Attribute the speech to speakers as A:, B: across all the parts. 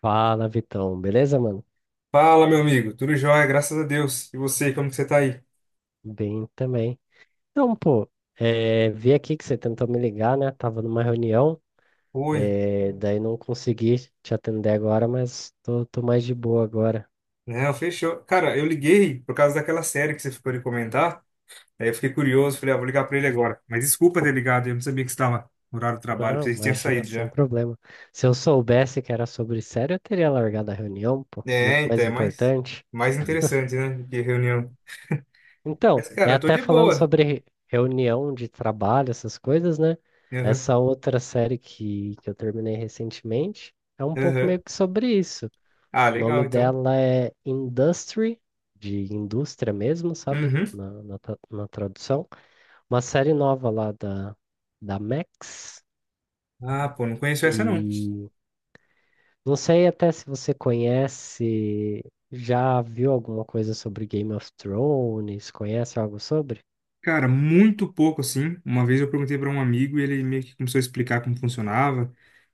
A: Fala, Vitão. Beleza, mano?
B: Fala, meu amigo. Tudo jóia, graças a Deus. E você, como que você tá aí?
A: Bem também. Então, pô, vi aqui que você tentou me ligar, né? Tava numa reunião,
B: Oi.
A: daí não consegui te atender agora, mas tô mais de boa agora.
B: Não, fechou. Cara, eu liguei por causa daquela série que você ficou de comentar. Aí eu fiquei curioso, falei, ah, vou ligar pra ele agora. Mas desculpa ter ligado, eu não sabia que você estava no horário do trabalho,
A: Não,
B: pensei que você tinha
A: imagina,
B: saído
A: sem
B: já.
A: problema. Se eu soubesse que era sobre sério, eu teria largado a reunião, pô,
B: É,
A: muito mais
B: então, é mais,
A: importante.
B: mais interessante, né, do que reunião.
A: Então,
B: Mas,
A: é
B: cara, eu tô
A: até
B: de
A: falando
B: boa.
A: sobre reunião de trabalho, essas coisas, né?
B: Aham,
A: Essa outra série que eu terminei recentemente é um pouco
B: aham.
A: meio que sobre isso.
B: Ah,
A: O
B: legal,
A: nome
B: então.
A: dela é Industry, de indústria mesmo, sabe?
B: Uhum.
A: Na tradução. Uma série nova lá da Max.
B: Ah, pô, não conheço essa, não.
A: E não sei até se você conhece, já viu alguma coisa sobre Game of Thrones, conhece algo sobre?
B: Cara, muito pouco assim. Uma vez eu perguntei para um amigo e ele meio que começou a explicar como funcionava.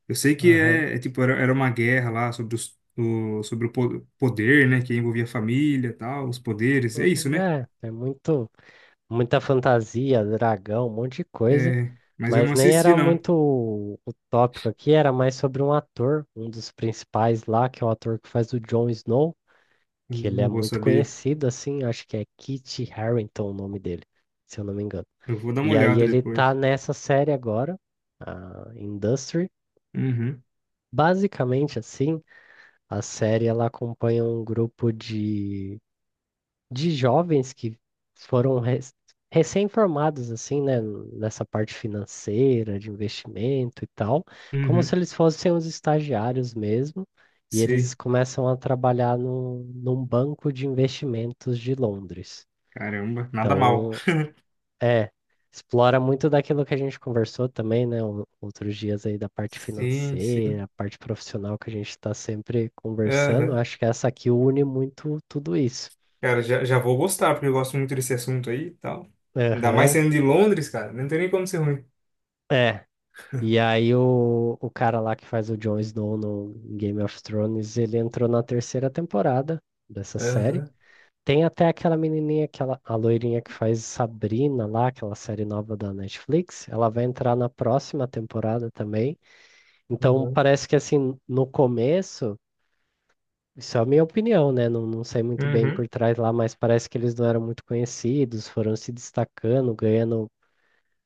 B: Eu sei que
A: Aham.
B: é tipo era uma guerra lá sobre os, o, sobre o poder, né, que envolvia a família, e tal, os poderes. É isso,
A: Uhum.
B: né?
A: Muita fantasia, dragão, um monte de coisa.
B: É, mas eu não
A: Mas nem
B: assisti
A: era
B: não.
A: muito o tópico aqui, era mais sobre um ator, um dos principais lá, que é o ator que faz o Jon Snow,
B: Eu
A: que ele é
B: não vou
A: muito
B: saber.
A: conhecido, assim, acho que é Kit Harington o nome dele, se eu não me engano.
B: Eu vou dar uma
A: E aí
B: olhada
A: ele tá
B: depois.
A: nessa série agora, a Industry.
B: Uhum.
A: Basicamente, assim, a série ela acompanha um grupo de jovens que foram res- recém-formados, assim, né, nessa parte financeira, de investimento e tal, como se
B: Uhum.
A: eles fossem os estagiários mesmo, e eles
B: Sei.
A: começam a trabalhar no, num banco de investimentos de Londres.
B: Caramba, nada mal.
A: Então, é, explora muito daquilo que a gente conversou também, né, outros dias aí da parte
B: Sim, sim.
A: financeira, a parte profissional que a gente está sempre conversando.
B: Aham.
A: Acho que essa aqui une muito tudo isso.
B: Cara, já vou gostar, porque eu gosto muito desse assunto aí e tal. Ainda mais
A: Aham.
B: sendo de Londres, cara. Não tem nem como ser ruim.
A: É. E aí o cara lá que faz o Jon Snow no Game of Thrones, ele entrou na terceira temporada dessa série.
B: Aham,
A: Tem até aquela menininha, aquela, a loirinha que faz Sabrina lá, aquela série nova da Netflix, ela vai entrar na próxima temporada também. Então
B: aham.
A: parece que, assim, no começo, isso é a minha opinião, né? Não sei muito bem
B: Uhum.
A: por trás lá, mas parece que eles não eram muito conhecidos, foram se destacando, ganhando,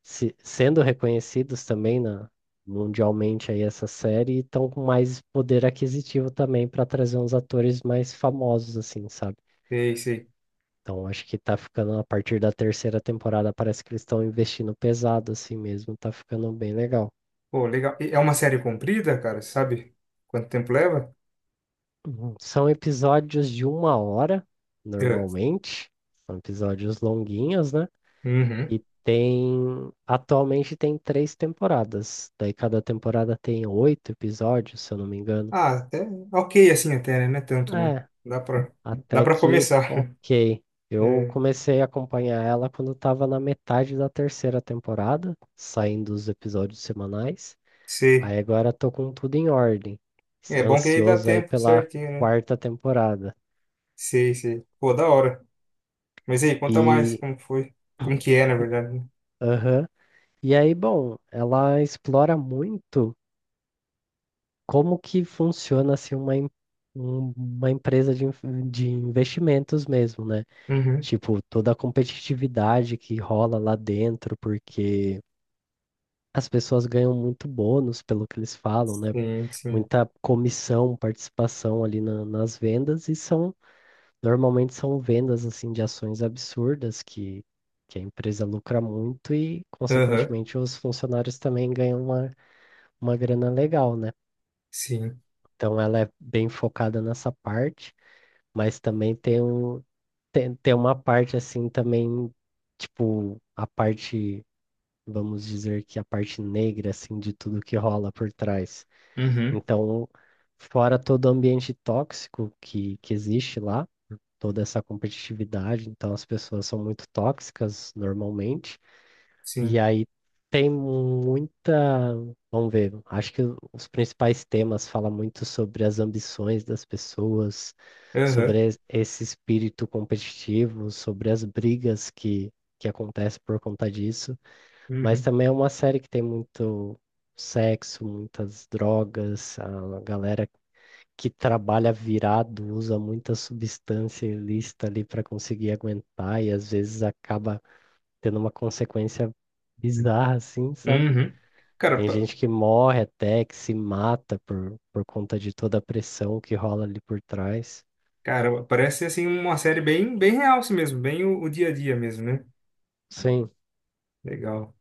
A: sendo reconhecidos também mundialmente aí essa série, e estão com mais poder aquisitivo também para trazer uns atores mais famosos, assim, sabe?
B: Sei, sei.
A: Então acho que tá ficando, a partir da terceira temporada, parece que eles estão investindo pesado assim mesmo, tá ficando bem legal.
B: Pô, legal. E é uma série comprida, cara? Sabe quanto tempo leva?
A: Uhum. São episódios de uma hora,
B: É.
A: normalmente. São episódios longuinhos, né?
B: Uhum.
A: E tem. Atualmente tem três temporadas. Daí cada temporada tem oito episódios, se eu não me engano.
B: Ah, até ok assim até, né? Não é tanto, não.
A: É.
B: Dá
A: Até
B: pra
A: que
B: começar.
A: ok. Eu
B: É,
A: comecei a acompanhar ela quando estava na metade da terceira temporada, saindo os episódios semanais.
B: sei.
A: Aí agora tô com tudo em ordem,
B: É bom que aí dá
A: ansioso aí
B: tempo
A: pela
B: certinho, né?
A: quarta temporada.
B: Sei, sei. Pô, da hora. Mas aí, conta mais
A: E
B: como que foi. Como que é, na verdade, né?
A: aham. E aí, bom, ela explora muito como que funciona assim uma empresa de investimentos mesmo, né?
B: Uhum.
A: Tipo, toda a competitividade que rola lá dentro, porque as pessoas ganham muito bônus pelo que eles falam, né?
B: Sim, sim.
A: Muita comissão, participação ali nas vendas, e são normalmente são vendas assim de ações absurdas que a empresa lucra muito e
B: Aham.
A: consequentemente os funcionários também ganham uma grana legal, né?
B: Sim.
A: Então ela é bem focada nessa parte, mas também tem uma parte assim também, tipo, vamos dizer que a parte negra assim de tudo que rola por trás.
B: Uhum.
A: Então, fora todo o ambiente tóxico que existe lá, toda essa competitividade, então as pessoas são muito tóxicas normalmente, e
B: Sim.
A: aí tem muita. Vamos ver, acho que os principais temas falam muito sobre as ambições das pessoas,
B: Aham.
A: sobre esse espírito competitivo, sobre as brigas que acontecem por conta disso, mas
B: Uhum.
A: também é uma série que tem muito sexo, muitas drogas, a galera que trabalha virado, usa muita substância ilícita ali para conseguir aguentar, e às vezes acaba tendo uma consequência bizarra, assim, sabe?
B: Uhum. Cara,
A: Tem gente que morre até, que se mata por conta de toda a pressão que rola ali por trás.
B: Cara, parece ser, assim, uma série bem, bem real assim mesmo, bem o dia a dia mesmo, né?
A: Sim,
B: Legal.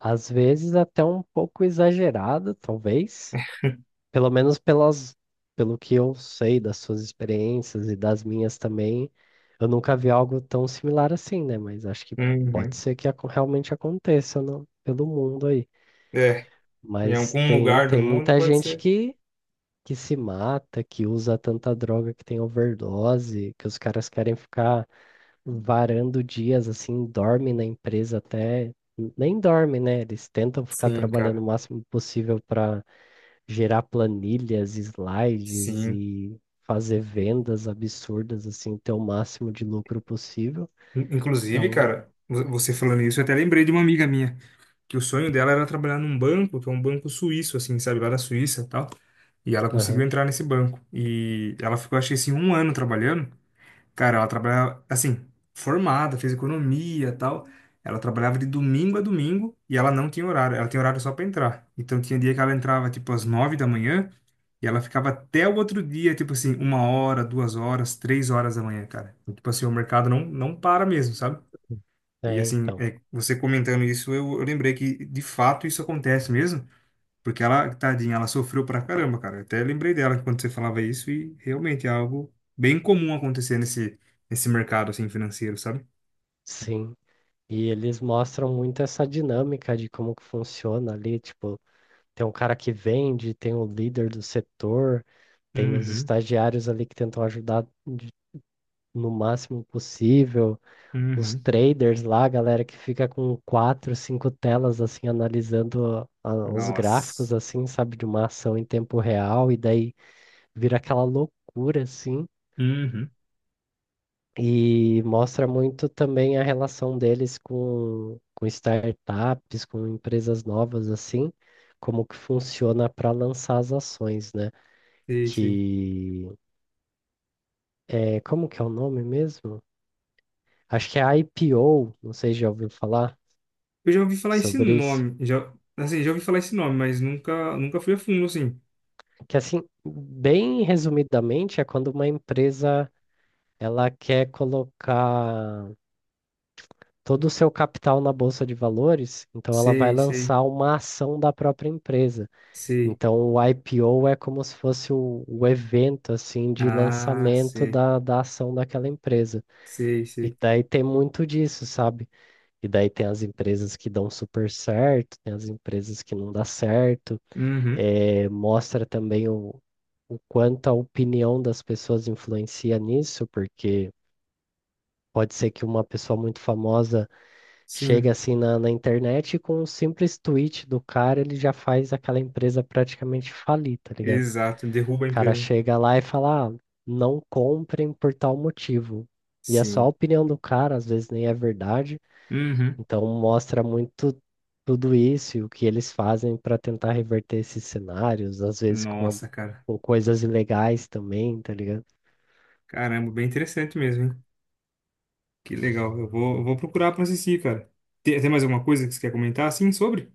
A: às vezes até um pouco exagerado, talvez. Pelo menos pelas, pelo que eu sei das suas experiências e das minhas também, eu nunca vi algo tão similar assim, né? Mas acho que pode
B: Uhum.
A: ser que realmente aconteça pelo mundo aí.
B: É, em
A: Mas
B: algum lugar do
A: tem
B: mundo
A: muita
B: pode
A: gente
B: ser.
A: que se mata, que usa tanta droga que tem overdose, que os caras querem ficar varando dias assim, dorme na empresa até. Nem dorme, né? Eles tentam ficar
B: Sim,
A: trabalhando o
B: cara.
A: máximo possível para gerar planilhas, slides
B: Sim.
A: e fazer vendas absurdas, assim, ter o máximo de lucro possível.
B: Inclusive,
A: Então,
B: cara, você falando isso, eu até lembrei de uma amiga minha, que o sonho dela era trabalhar num banco, que é um banco suíço, assim, sabe, lá da Suíça e tal. E ela conseguiu
A: aham,
B: entrar nesse banco. E ela ficou, acho que assim, um ano trabalhando. Cara, ela trabalhava, assim, formada, fez economia e tal. Ela trabalhava de domingo a domingo e ela não tinha horário. Ela tinha horário só pra entrar. Então tinha dia que ela entrava, tipo, às nove da manhã e ela ficava até o outro dia, tipo assim, uma hora, duas horas, três horas da manhã, cara. Então, tipo assim, o mercado não para mesmo, sabe? E
A: é,
B: assim,
A: então,
B: é, você comentando isso, eu lembrei que de fato isso acontece mesmo. Porque ela, tadinha, ela sofreu pra caramba, cara. Eu até lembrei dela quando você falava isso e realmente é algo bem comum acontecer nesse mercado assim financeiro, sabe?
A: sim. E eles mostram muito essa dinâmica de como que funciona ali, tipo, tem um cara que vende, tem o líder do setor, tem os
B: Uhum,
A: estagiários ali que tentam ajudar no máximo possível. Os
B: uhum.
A: traders lá, a galera que fica com quatro, cinco telas assim analisando os
B: Nossa.
A: gráficos, assim, sabe, de uma ação em tempo real, e daí vira aquela loucura assim.
B: Uhum.
A: E mostra muito também a relação deles com startups, com empresas novas assim, como que funciona para lançar as ações, né?
B: Sei, sei.
A: Que é, como que é o nome mesmo? Acho que é IPO, não sei se já ouviu falar
B: Eu já ouvi falar esse
A: sobre isso.
B: nome, já, assim, já ouvi falar esse nome, mas nunca fui a fundo assim.
A: Que assim, bem resumidamente, é quando uma empresa ela quer colocar todo o seu capital na bolsa de valores, então ela vai
B: Sei, sei,
A: lançar uma ação da própria empresa.
B: sei.
A: Então o IPO é como se fosse o evento assim de
B: Ah,
A: lançamento
B: sei,
A: da ação daquela empresa.
B: sei,
A: E
B: sei.
A: daí tem muito disso, sabe? E daí tem as empresas que dão super certo, tem as empresas que não dá certo.
B: Uhum.
A: Mostra também o quanto a opinião das pessoas influencia nisso, porque pode ser que uma pessoa muito famosa chegue
B: Sim,
A: assim na internet e com um simples tweet do cara, ele já faz aquela empresa praticamente falir, tá ligado?
B: exato. Derruba a
A: O cara
B: empresa.
A: chega lá e fala, ah, não comprem por tal motivo. E é só a
B: Sim.
A: opinião do cara, às vezes nem é verdade,
B: Uhum.
A: então mostra muito tudo isso e o que eles fazem para tentar reverter esses cenários, às vezes
B: Nossa, cara.
A: com coisas ilegais também, tá ligado?
B: Caramba, bem interessante mesmo, hein? Que legal. Eu vou procurar pra assistir, cara. Tem mais alguma coisa que você quer comentar, assim, sobre?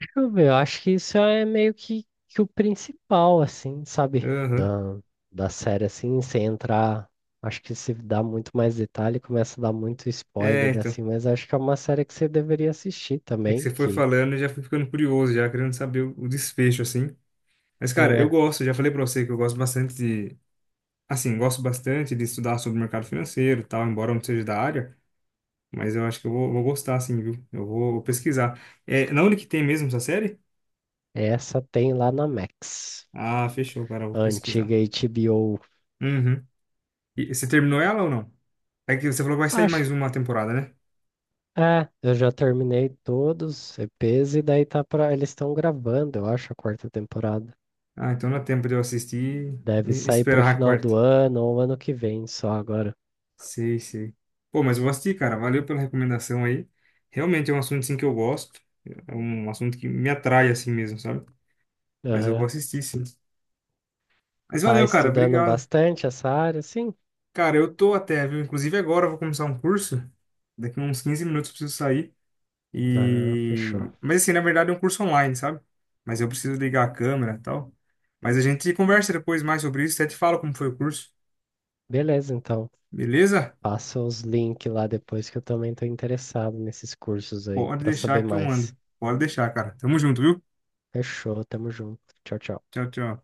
A: Deixa eu ver, eu acho que isso é meio que o principal, assim, sabe?
B: Aham.
A: Da, da série, assim, sem entrar. Acho que se dá muito mais detalhe, começa a dar muito
B: É,
A: spoiler,
B: então.
A: assim, mas acho que é uma série que você deveria assistir
B: É que
A: também,
B: você foi
A: que
B: falando, eu já fui ficando curioso, já querendo saber o desfecho, assim. Mas, cara, eu
A: é,
B: gosto, já falei pra você que eu gosto bastante de. Assim, gosto bastante de estudar sobre o mercado financeiro e tal, embora eu não seja da área. Mas eu acho que vou gostar, assim, viu? Eu vou pesquisar. É, na onde que tem mesmo essa série?
A: essa tem lá na Max,
B: Ah, fechou, cara, eu vou
A: a
B: pesquisar.
A: antiga HBO.
B: Uhum. E você terminou ela ou não? É que você falou que vai sair mais
A: Acho,
B: uma temporada, né?
A: é, eu já terminei todos os EPs e daí tá pra. Eles estão gravando, eu acho, a quarta temporada.
B: Ah, então dá tempo de eu assistir
A: Deve
B: e
A: sair pro
B: esperar a
A: final do
B: quarta.
A: ano ou ano que vem só agora.
B: Sei, sei. Pô, mas eu vou assistir, cara. Valeu pela recomendação aí. Realmente é um assunto, sim, que eu gosto. É um assunto que me atrai, assim mesmo, sabe? Mas eu vou
A: Aham.
B: assistir, sim. Mas
A: Tá
B: valeu, cara.
A: estudando
B: Obrigado.
A: bastante essa área, sim?
B: Cara, eu tô até, viu? Inclusive agora eu vou começar um curso. Daqui uns 15 minutos eu preciso sair.
A: Ah,
B: E...
A: fechou.
B: Mas assim, na verdade é um curso online, sabe? Mas eu preciso ligar a câmera e tal. Mas a gente conversa depois mais sobre isso. Até te falo como foi o curso.
A: Beleza, então.
B: Beleza?
A: Passa os links lá depois que eu também tô interessado nesses cursos aí
B: Pode
A: pra saber
B: deixar que eu
A: mais.
B: mando. Pode deixar, cara. Tamo junto, viu?
A: Fechou, tamo junto. Tchau, tchau.
B: Tchau, tchau.